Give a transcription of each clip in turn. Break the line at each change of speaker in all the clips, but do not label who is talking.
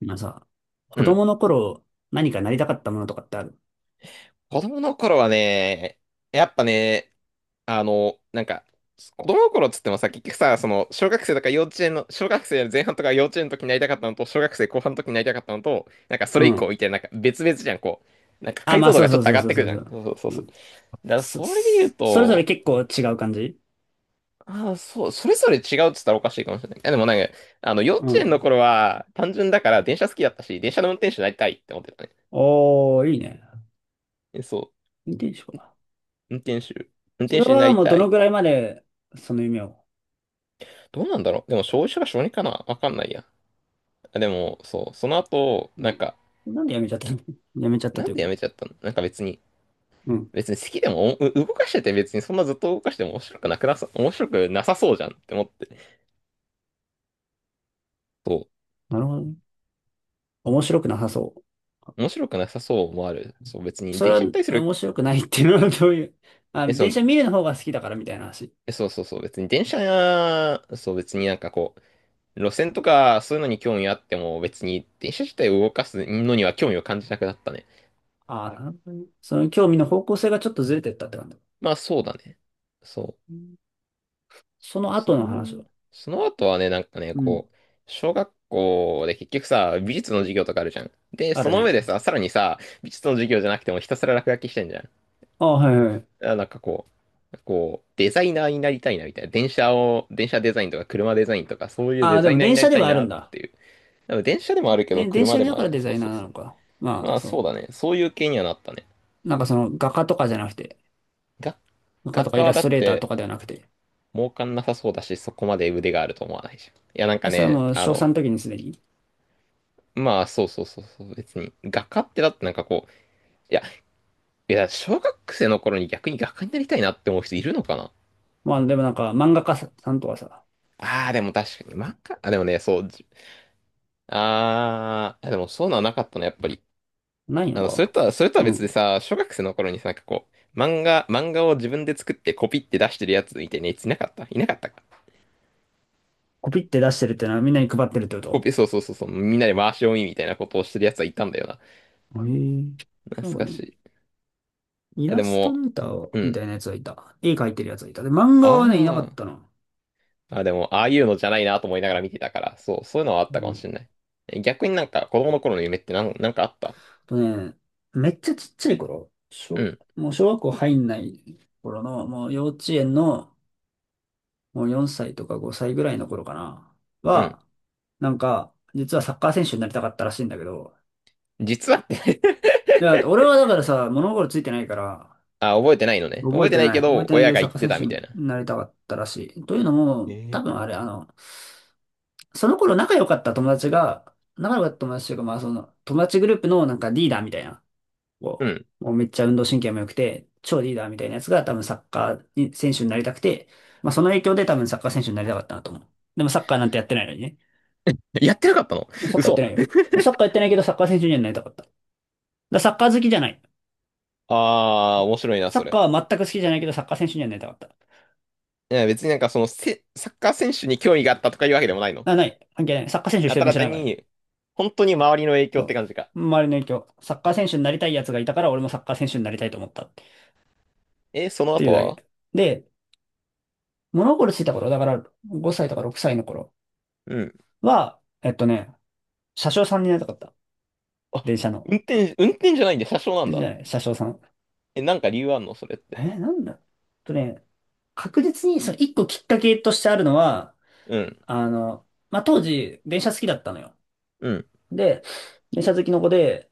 まあさ、子
うん。
供の頃、何かなりたかったものとかってある？
子供の頃はね、やっぱね、あの、なんか、子供の頃っつってもさ、結局さ、小学生とか幼稚園の、小学生の前半とか幼稚園の時になりたかったのと、小学生後半の時になりたかったのと、なんかそ
う
れ以降
ん。
みたいな、なんか別々じゃん、なんか
あ、
解
まあ
像度
そう
がち
そ
ょっ
う
と上
そう
がっ
そう
てく
そ
る
う
じゃ
そ
ん。
う。
そうそう
う
そう。
ん。
だから
そ、
それで言う
それぞれ
と、
結構違う感じ？
ああ、そう、それぞれ違うっつったらおかしいかもしれない。いやでもなんか、幼
う
稚園の
ん。
頃は単純だから電車好きだったし、電車の運転手になりたいって思ってたね。
おー、いいね。
えそう。
運転手か。
運転手。運
そ
転
れ
手にな
は
り
もうど
た
の
い。
ぐらいまで、その夢を？
どうなんだろう。でも、小1から小2かなわかんないや。あでも、そう、その後、
うん。なんで辞めちゃったの？ 辞めちゃった
な
と
ん
いう
でや
か。
めちゃったの？なんか別に、
うん。
別に好きでも、おう動かしてて別にそんなずっと動かしても面白くなくなさ、面白くなさそうじゃんって思って。そ
なるほどね。面白くなさそ
う、面白くなさそうもある。そう、別
う。
に
それ
電
は
車に対する、
面白くないっていうのは どういう？あ、
そう、
電車見るの方が好きだからみたいな話？
そうそうそう、別に電車や、そう、別になんかこう、路線とかそういうのに興味あっても、別に電車自体を動かすのには興味を感じなくなったね。
ああ、なるほどね。その興味の方向性がちょっとずれてったって感じ。
まあ、そうだね。そう。
うん。その
そ
後の話は？
の、その後はね、なんかね、
うん。
小学校で結局さ、美術の授業とかあるじゃん。で、
あ
そ
る
の上で
ね。
さ、さらにさ、美術の授業じゃなくてもひたすら落書きしてんじゃん。
あ、はいはい。
あ、なんかデザイナーになりたいなみたいな。電車を、電車デザインとか車デザインとか、そういうデ
あ、で
ザイ
も
ナーに
電
な
車
り
で
た
は
い
ある
な
ん
っ
だ。
ていう。でも電車でもあるけど、
で、電
車
車
で
でだ
もあ
か
る
ら
ね。
デ
そ
ザ
う
イナ
そう
ーな
そ
のか。
う。
ま
ま
あ、
あそう
そ
だね。そういう系にはなったね。
う。なんかその画家とかじゃなくて、
が
画家と
学
か
科
イ
は
ラス
だっ
トレーター
て、
とかではなくて。
儲かんなさそうだし、そこまで腕があると思わないじゃん。いや、なんか
それは
ね、
もう小さんの時にすでに？
まあ、そうそうそうそう、別に。画家ってだってなんかこう、いや、いや、小学生の頃に逆に画家になりたいなって思う人いるのかな？
まあでもなんか漫画家さんとかさ、
ああー、でも確かに、漫画、あ、でもね、そう、ああ、でもそういうのはなかったの、やっぱり。
ないの
それ
か。
とは、それとは
う
別で
ん。
さ、小学生の頃にさ、なんかこう、漫画を自分で作ってコピって出してるやつみたいなやついなかったか。
コピって出してるってのはみんなに配ってるってこと？
そうそうそうそう、みんなで回し読みみたいなことをしてるやつはいたんだよな。
へえ。
懐
なんか、
か
ね、
しい。い
イ
や
ラ
で
ストレ
も、
ーター
う
みた
ん。
いなやつがいた。絵描いてるやつがいた。で、漫画はね、いなか
あ
っ
あ。
たな。
あ、でも、ああいうのじゃないなと思いながら見てたから、そう、そういうのはあった
う
かも
ん
しれない。え逆になんか子供の頃の夢ってなんかあった？
とね、めっちゃちっちゃい頃、
うん、
もう小学校入んない頃の、もう幼稚園の、もう4歳とか5歳ぐらいの頃かな、
うん。
は、なんか、実はサッカー選手になりたかったらしいんだけど、
実はって
いや、俺 はだからさ、物心ついてないから、
あ、覚えてないのね。
覚
覚
え
えて
て
ない
な
け
い。覚え
ど、
てないけ
親
ど、
が
サ
言
ッ
っ
カー
て
選
た
手
みたい
に
な。
なりたかったらしい。というの
え
も、多
ー
分あれ、その頃仲良かった友達が、仲良かった友達というか、まあその、友達グループのなんかリーダーみたいな。
う
こ
ん。
もうめっちゃ運動神経も良くて、超リーダーみたいなやつが多分サッカーに選手になりたくて、まあその影響で多分サッカー選手になりたかったなと思う。でもサッカーなんてやってないのにね。
やってなかったの？
サッカーやっ
嘘。
てないよ。サッカーやってないけどサッカー選手にはなりたかった。だからサッカー好きじゃない。
ああ、面白いな、
サ
そ
ッ
れ。
カーは全く好きじゃないけどサッカー選手にはなりたかった。
いや、別になんかそのせ、サッカー選手に興味があったとかいうわけでもないの。
あ、ない。関係ない。サッカー選手一
あ
人
た
もし
だ
てない
単
からね。
に、本当に周りの影響
そ
っ
う。
て感じか。
周りの影響。サッカー選手になりたい奴がいたから俺もサッカー選手になりたいと思ったって
え、その
ていう
後
だ
は？
け。で、物心ついた頃、だから5歳とか6歳の頃
うん。
は、車掌さんになりたかった。
あ、
電車の。
運転じゃないんで車掌なん
で、じ
だ。
ゃあ車掌さん。
え、なんか理由あんのそれっ
え
て？
ーなんだとね、確実にその一個きっかけとしてあるのは、
うん。
まあ、当時、電車好きだったのよ。
うん。
で、電車好きの子で、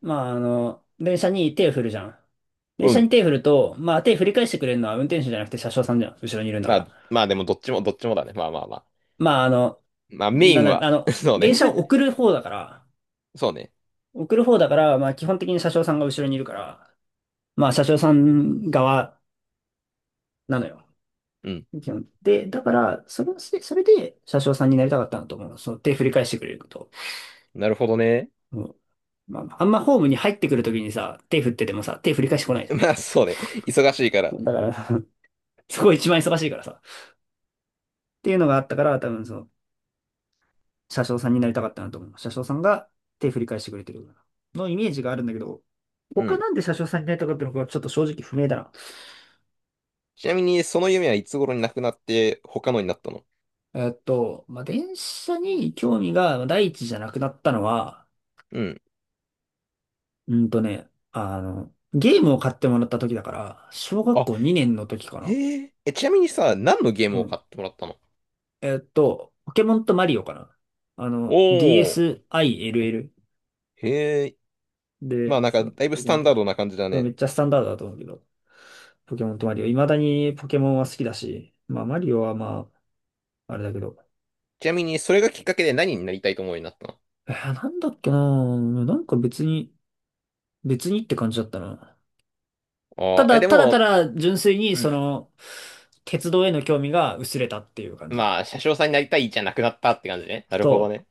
電車に手を振るじゃん。電
う
車に
ん。
手を振ると、まあ、手振り返してくれるのは運転手じゃなくて車掌さんじゃん。後ろにいるんだか
まあ、
ら。
でもどっちも、どっちもだね。まあまあまあ。
まあ、あの、
まあメイ
なん
ン
だ、
は、
あ の、
そう
電
ね。
車を 送る方だから、
そうね。
送る方だから、まあ、基本的に車掌さんが後ろにいるから、まあ、車掌さん側なのよ。
うん。
基本で、だから、それで車掌さんになりたかったなと思う。その手振り返してくれると。
なるほどね。
うん。まあ、あんまホームに入ってくるときにさ、手振っててもさ、手振り返してこないじ
まあそうね。忙しいか
ゃ
ら。
ん。だから、そこ一番忙しいからさ。っていうのがあったから、多分その、車掌さんになりたかったなと思う。車掌さんが手振り返してくれてるようなのイメージがあるんだけど、
う
他
ん。
なんで車掌さんになりたかったのかちょっと正直不明だな。
ちなみに、その夢はいつ頃になくなって、他のになったの？
えっと、まあ、電車に興味が第一じゃなくなったのは、
うん。
ゲームを買ってもらった時だから、小学
あ、
校2年の時かな。
へえ。え、ちなみにさ、何のゲー
う
ムを
ん。
買ってもらったの？
えっと、ポケモンとマリオかな。あの、
おー。
DSiLL。
へえ。まあ
で、
なんか、
そう、
だいぶ
ポ
ス
ケモ
タ
ン
ン
と、
ダードな感じだ
そうめ
ね。
っちゃスタンダードだと思うけど、ポケモンとマリオ。未だにポケモンは好きだし、マリオはまあ、あれだけど。
ちなみに、それがきっかけで何になりたいと思うようになったの？
えーなんだっけなぁ。なんか別に、別にって感じだったな。た
ああー、え、
だ、
で
ただた
も、
だ純粋に
う
そ
ん。
の、鉄道への興味が薄れたっていう感じ。
まあ、車掌さんになりたいじゃなくなったって感じね。なるほど
そう。
ね。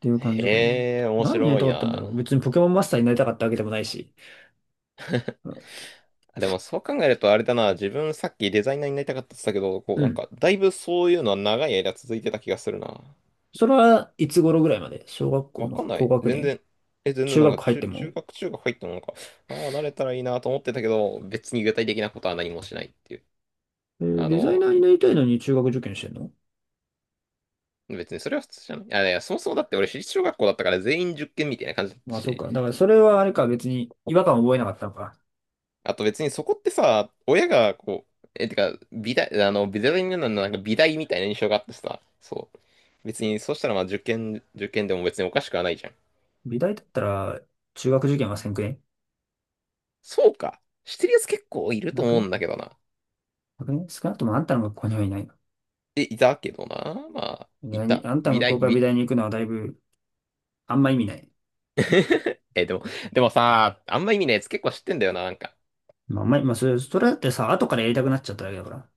ていう感じかな。
へえ、面
何になり
白
た
い
かったんだろう。
な。
別にポケモンマスターになりたかったわけでもないし。
でもそう考えるとあれだな、自分さっきデザイナーになりたかったって言ったけど、こう
う
なん
ん。
かだいぶそういうのは長い間続いてた気がするな。
それはいつ頃ぐらいまで？小学校
わ
の
かんな
高
い。
学
全
年？
然、え、全然
中
なん
学
か
入っても？
中学入ってもなんか、ああ、慣れたらいいなと思ってたけど、別に具体的なことは何もしないっていう。
えー
あ
デザイ
の、
ナーになりたいのに中学受験してんの？
別にそれは普通じゃない？あ、いや、そもそもだって俺私立小学校だったから全員受験みたいな感じだった
まあそう
し、
か。だからそれはあれか、別に違和感を覚えなかったのか。
あと別にそこってさ、親がこう、え、てか、美大なのなんか美大みたいな印象があってさ、そう。別に、そうしたらまあ受験でも別におかしくはないじゃん。
美大だったら中学受験はせんくね？
そうか。してるやつ結構いると
なく
思う
ね？
んだけどな。
なくね？少なくともあんたの学校にはいないの？
え、いたけどな。まあ、
美
い
大に、
た。
あんた
美
の学
大、
校から美
美。
大に行くのはだいぶあんま意味ない。
え、でもさ、あんま意味ないやつ結構知ってんだよな、なんか。
まあ、あんまり、まあそれ、それだってさ、後からやりたくなっちゃっただけだから。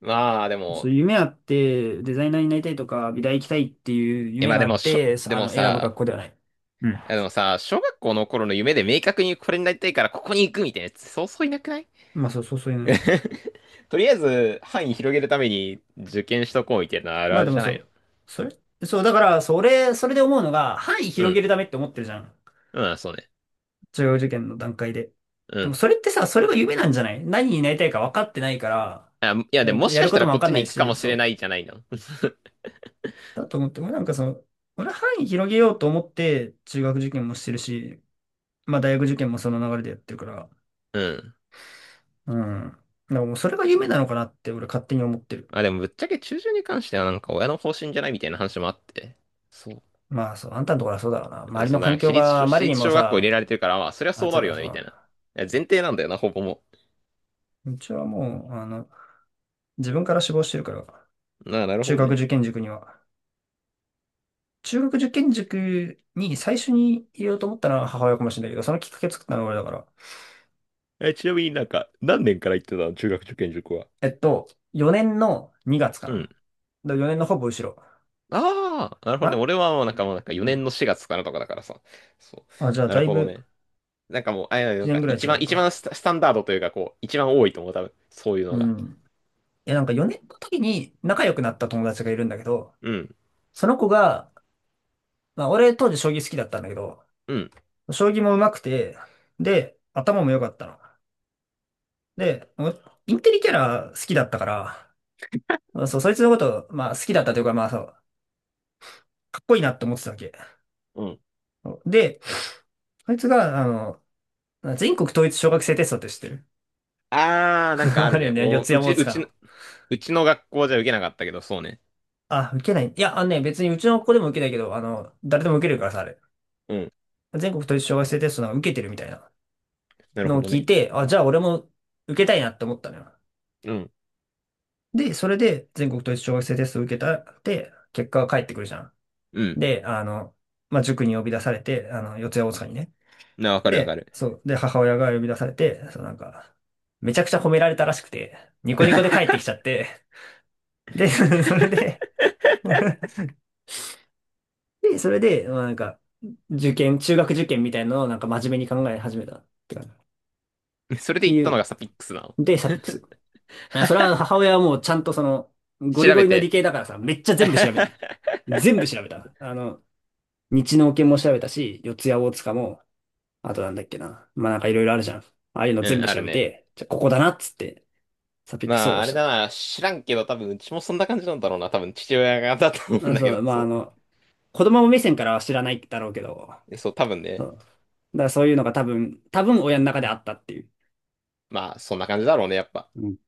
まあ、で
そう、
も、
夢あって、デザイナーになりたいとか、美大行きたいっていう
え、
夢
まあ
があ
で
っ
も、しょ、
て、
で
あ
も
の、選ぶ学
さ、
校ではない。うん。
いやでもさ、小学校の頃の夢で明確にこれになりたいからここに行くみたいなやつ、そうそういなくない？
まあそうそうそういうの。
とりあえず、範囲広げるために受験しとこうみたいなのある
まあ
あ
で
るじ
も
ゃ
そ
ないの。
う。それそう、だから、それで思うのが、範囲
う
広げ
ん。
るためって思ってるじゃん。
うん、そうね。
中学受験の段階で。
う
でも
ん。
それってさ、それが夢なんじゃない？何になりたいか分かってないから、
あ、いや、で
え
ももし
や
か
る
し
こ
た
と
ら
も分
こっ
かん
ち
な
に
い
行くか
し、
もし
そ
れ
う。
ないじゃないの。
だと思って、俺なんかその、俺範囲広げようと思って、中学受験もしてるし、まあ大学受験もその流れでやってるから、
うん。
うん。だからもうそれが夢なのかなって俺勝手に思ってる。
まあでもぶっちゃけ中旬に関してはなんか親の方針じゃないみたいな話もあって。そう。
まあそう、あんたのところはそうだろうな。
う
周
ん
り
そ
の
うだ、
環境があま
私
りに
立
も
小学校入れら
さ、
れてるから、まあそりゃ
あい
そう
つ
なる
が
よね
そう
み
な
たい
ん
な。い
だ。
や前提なんだよな、ほぼも
うちはもう、あの、自分から志望してるから、
う。なあ、なる
中
ほど
学
ね。
受験塾には。中学受験塾に最初に入れようと思ったのは母親かもしれないけど、そのきっかけ作ったのは俺だから。
え、ちなみになんか、何年から行ってたの中学受験塾は？
えっと、4年の2月か
うん。
な。だ4年のほぼ後ろ。
ああ、なるほどね。
あ、
俺はもうなん
う
か
ん、
もうなんか
う
4
ん、
年の4月からとかだからさ。そ
あ、じゃあ
う。な
だ
る
い
ほど
ぶ
ね。なんかもう、あ、いやな
1
ん
年
か
ぐらい違うの
一番
か。
スタンダードというかこう、一番多いと思う、多分。そういうの
う
が。
ん。いや、なんか4年の時に仲良くなった友達がいるんだけど、
うん。
その子が、まあ、俺当時将棋好きだったんだけど、
うん。
将棋も上手くて、で、頭も良かったの。で、インテリキャラ好きだったから、まあそう、そいつのこと、まあ好きだったというか、まあそう、かっこいいなって思ってたわけ。
うん。
で、そいつが、あの、全国統一小学生テストって知ってる？
ああ、なんかあ
あ
る
るよ
ね。
ね、四
お、
谷大塚の。
うちの学校じゃ受けなかったけど、そうね。
あ、受けない。いや、あのね、別にうちの子でも受けないけど、あの、誰でも受けるからさ、あれ。
うん。
全国統一小学生テストなんか受けてるみたいな
なる
の
ほ
を
ど
聞い
ね。
て、あ、じゃあ俺も受けたいなって思ったのよ。
うん。
で、それで全国統一小学生テストを受けたって、結果が返ってくるじゃん。
うん。
で、あの、まあ、塾に呼び出されて、あの、四谷大塚にね。
な、わかるわか
で、
る。
そう、で、母親が呼び出されて、そう、なんか、めちゃくちゃ褒められたらしくて、ニコニコで帰ってきちゃって、で、それで、で、それで、まあ、なんか、中学受験みたいなのをなんか真面目に考え始めたって感じ。っ
それで
て
言っ
い
たの
う、
がサピックスなの？
で、サピックス。あそれは母親はもうちゃんとその、ゴリ
調
ゴ
べ
リの理
て。
系だからさ、めっちゃ全部調べる。全部調べた。あの、日能研も調べたし、四谷大塚も、あとなんだっけな。まあなんかいろいろあるじゃん。ああいうの
う
全
ん、
部
あ
調
る
べ
ね。
て、じゃあここだなっつって、サピック総
まあ、
合
あ
し
れ
た。
だな、知らんけど、多分、うちもそんな感じなんだろうな。多分、父親がだと思うん
あ、
だ
そ
けど、
う、まあ
そ
あ
う。
の、子供目線からは知らないだろうけど、
そう、多分
そ
ね。
う。だからそういうのが多分、多分親の中であったっていう。
まあ、そんな感じだろうね、やっぱ。
うん。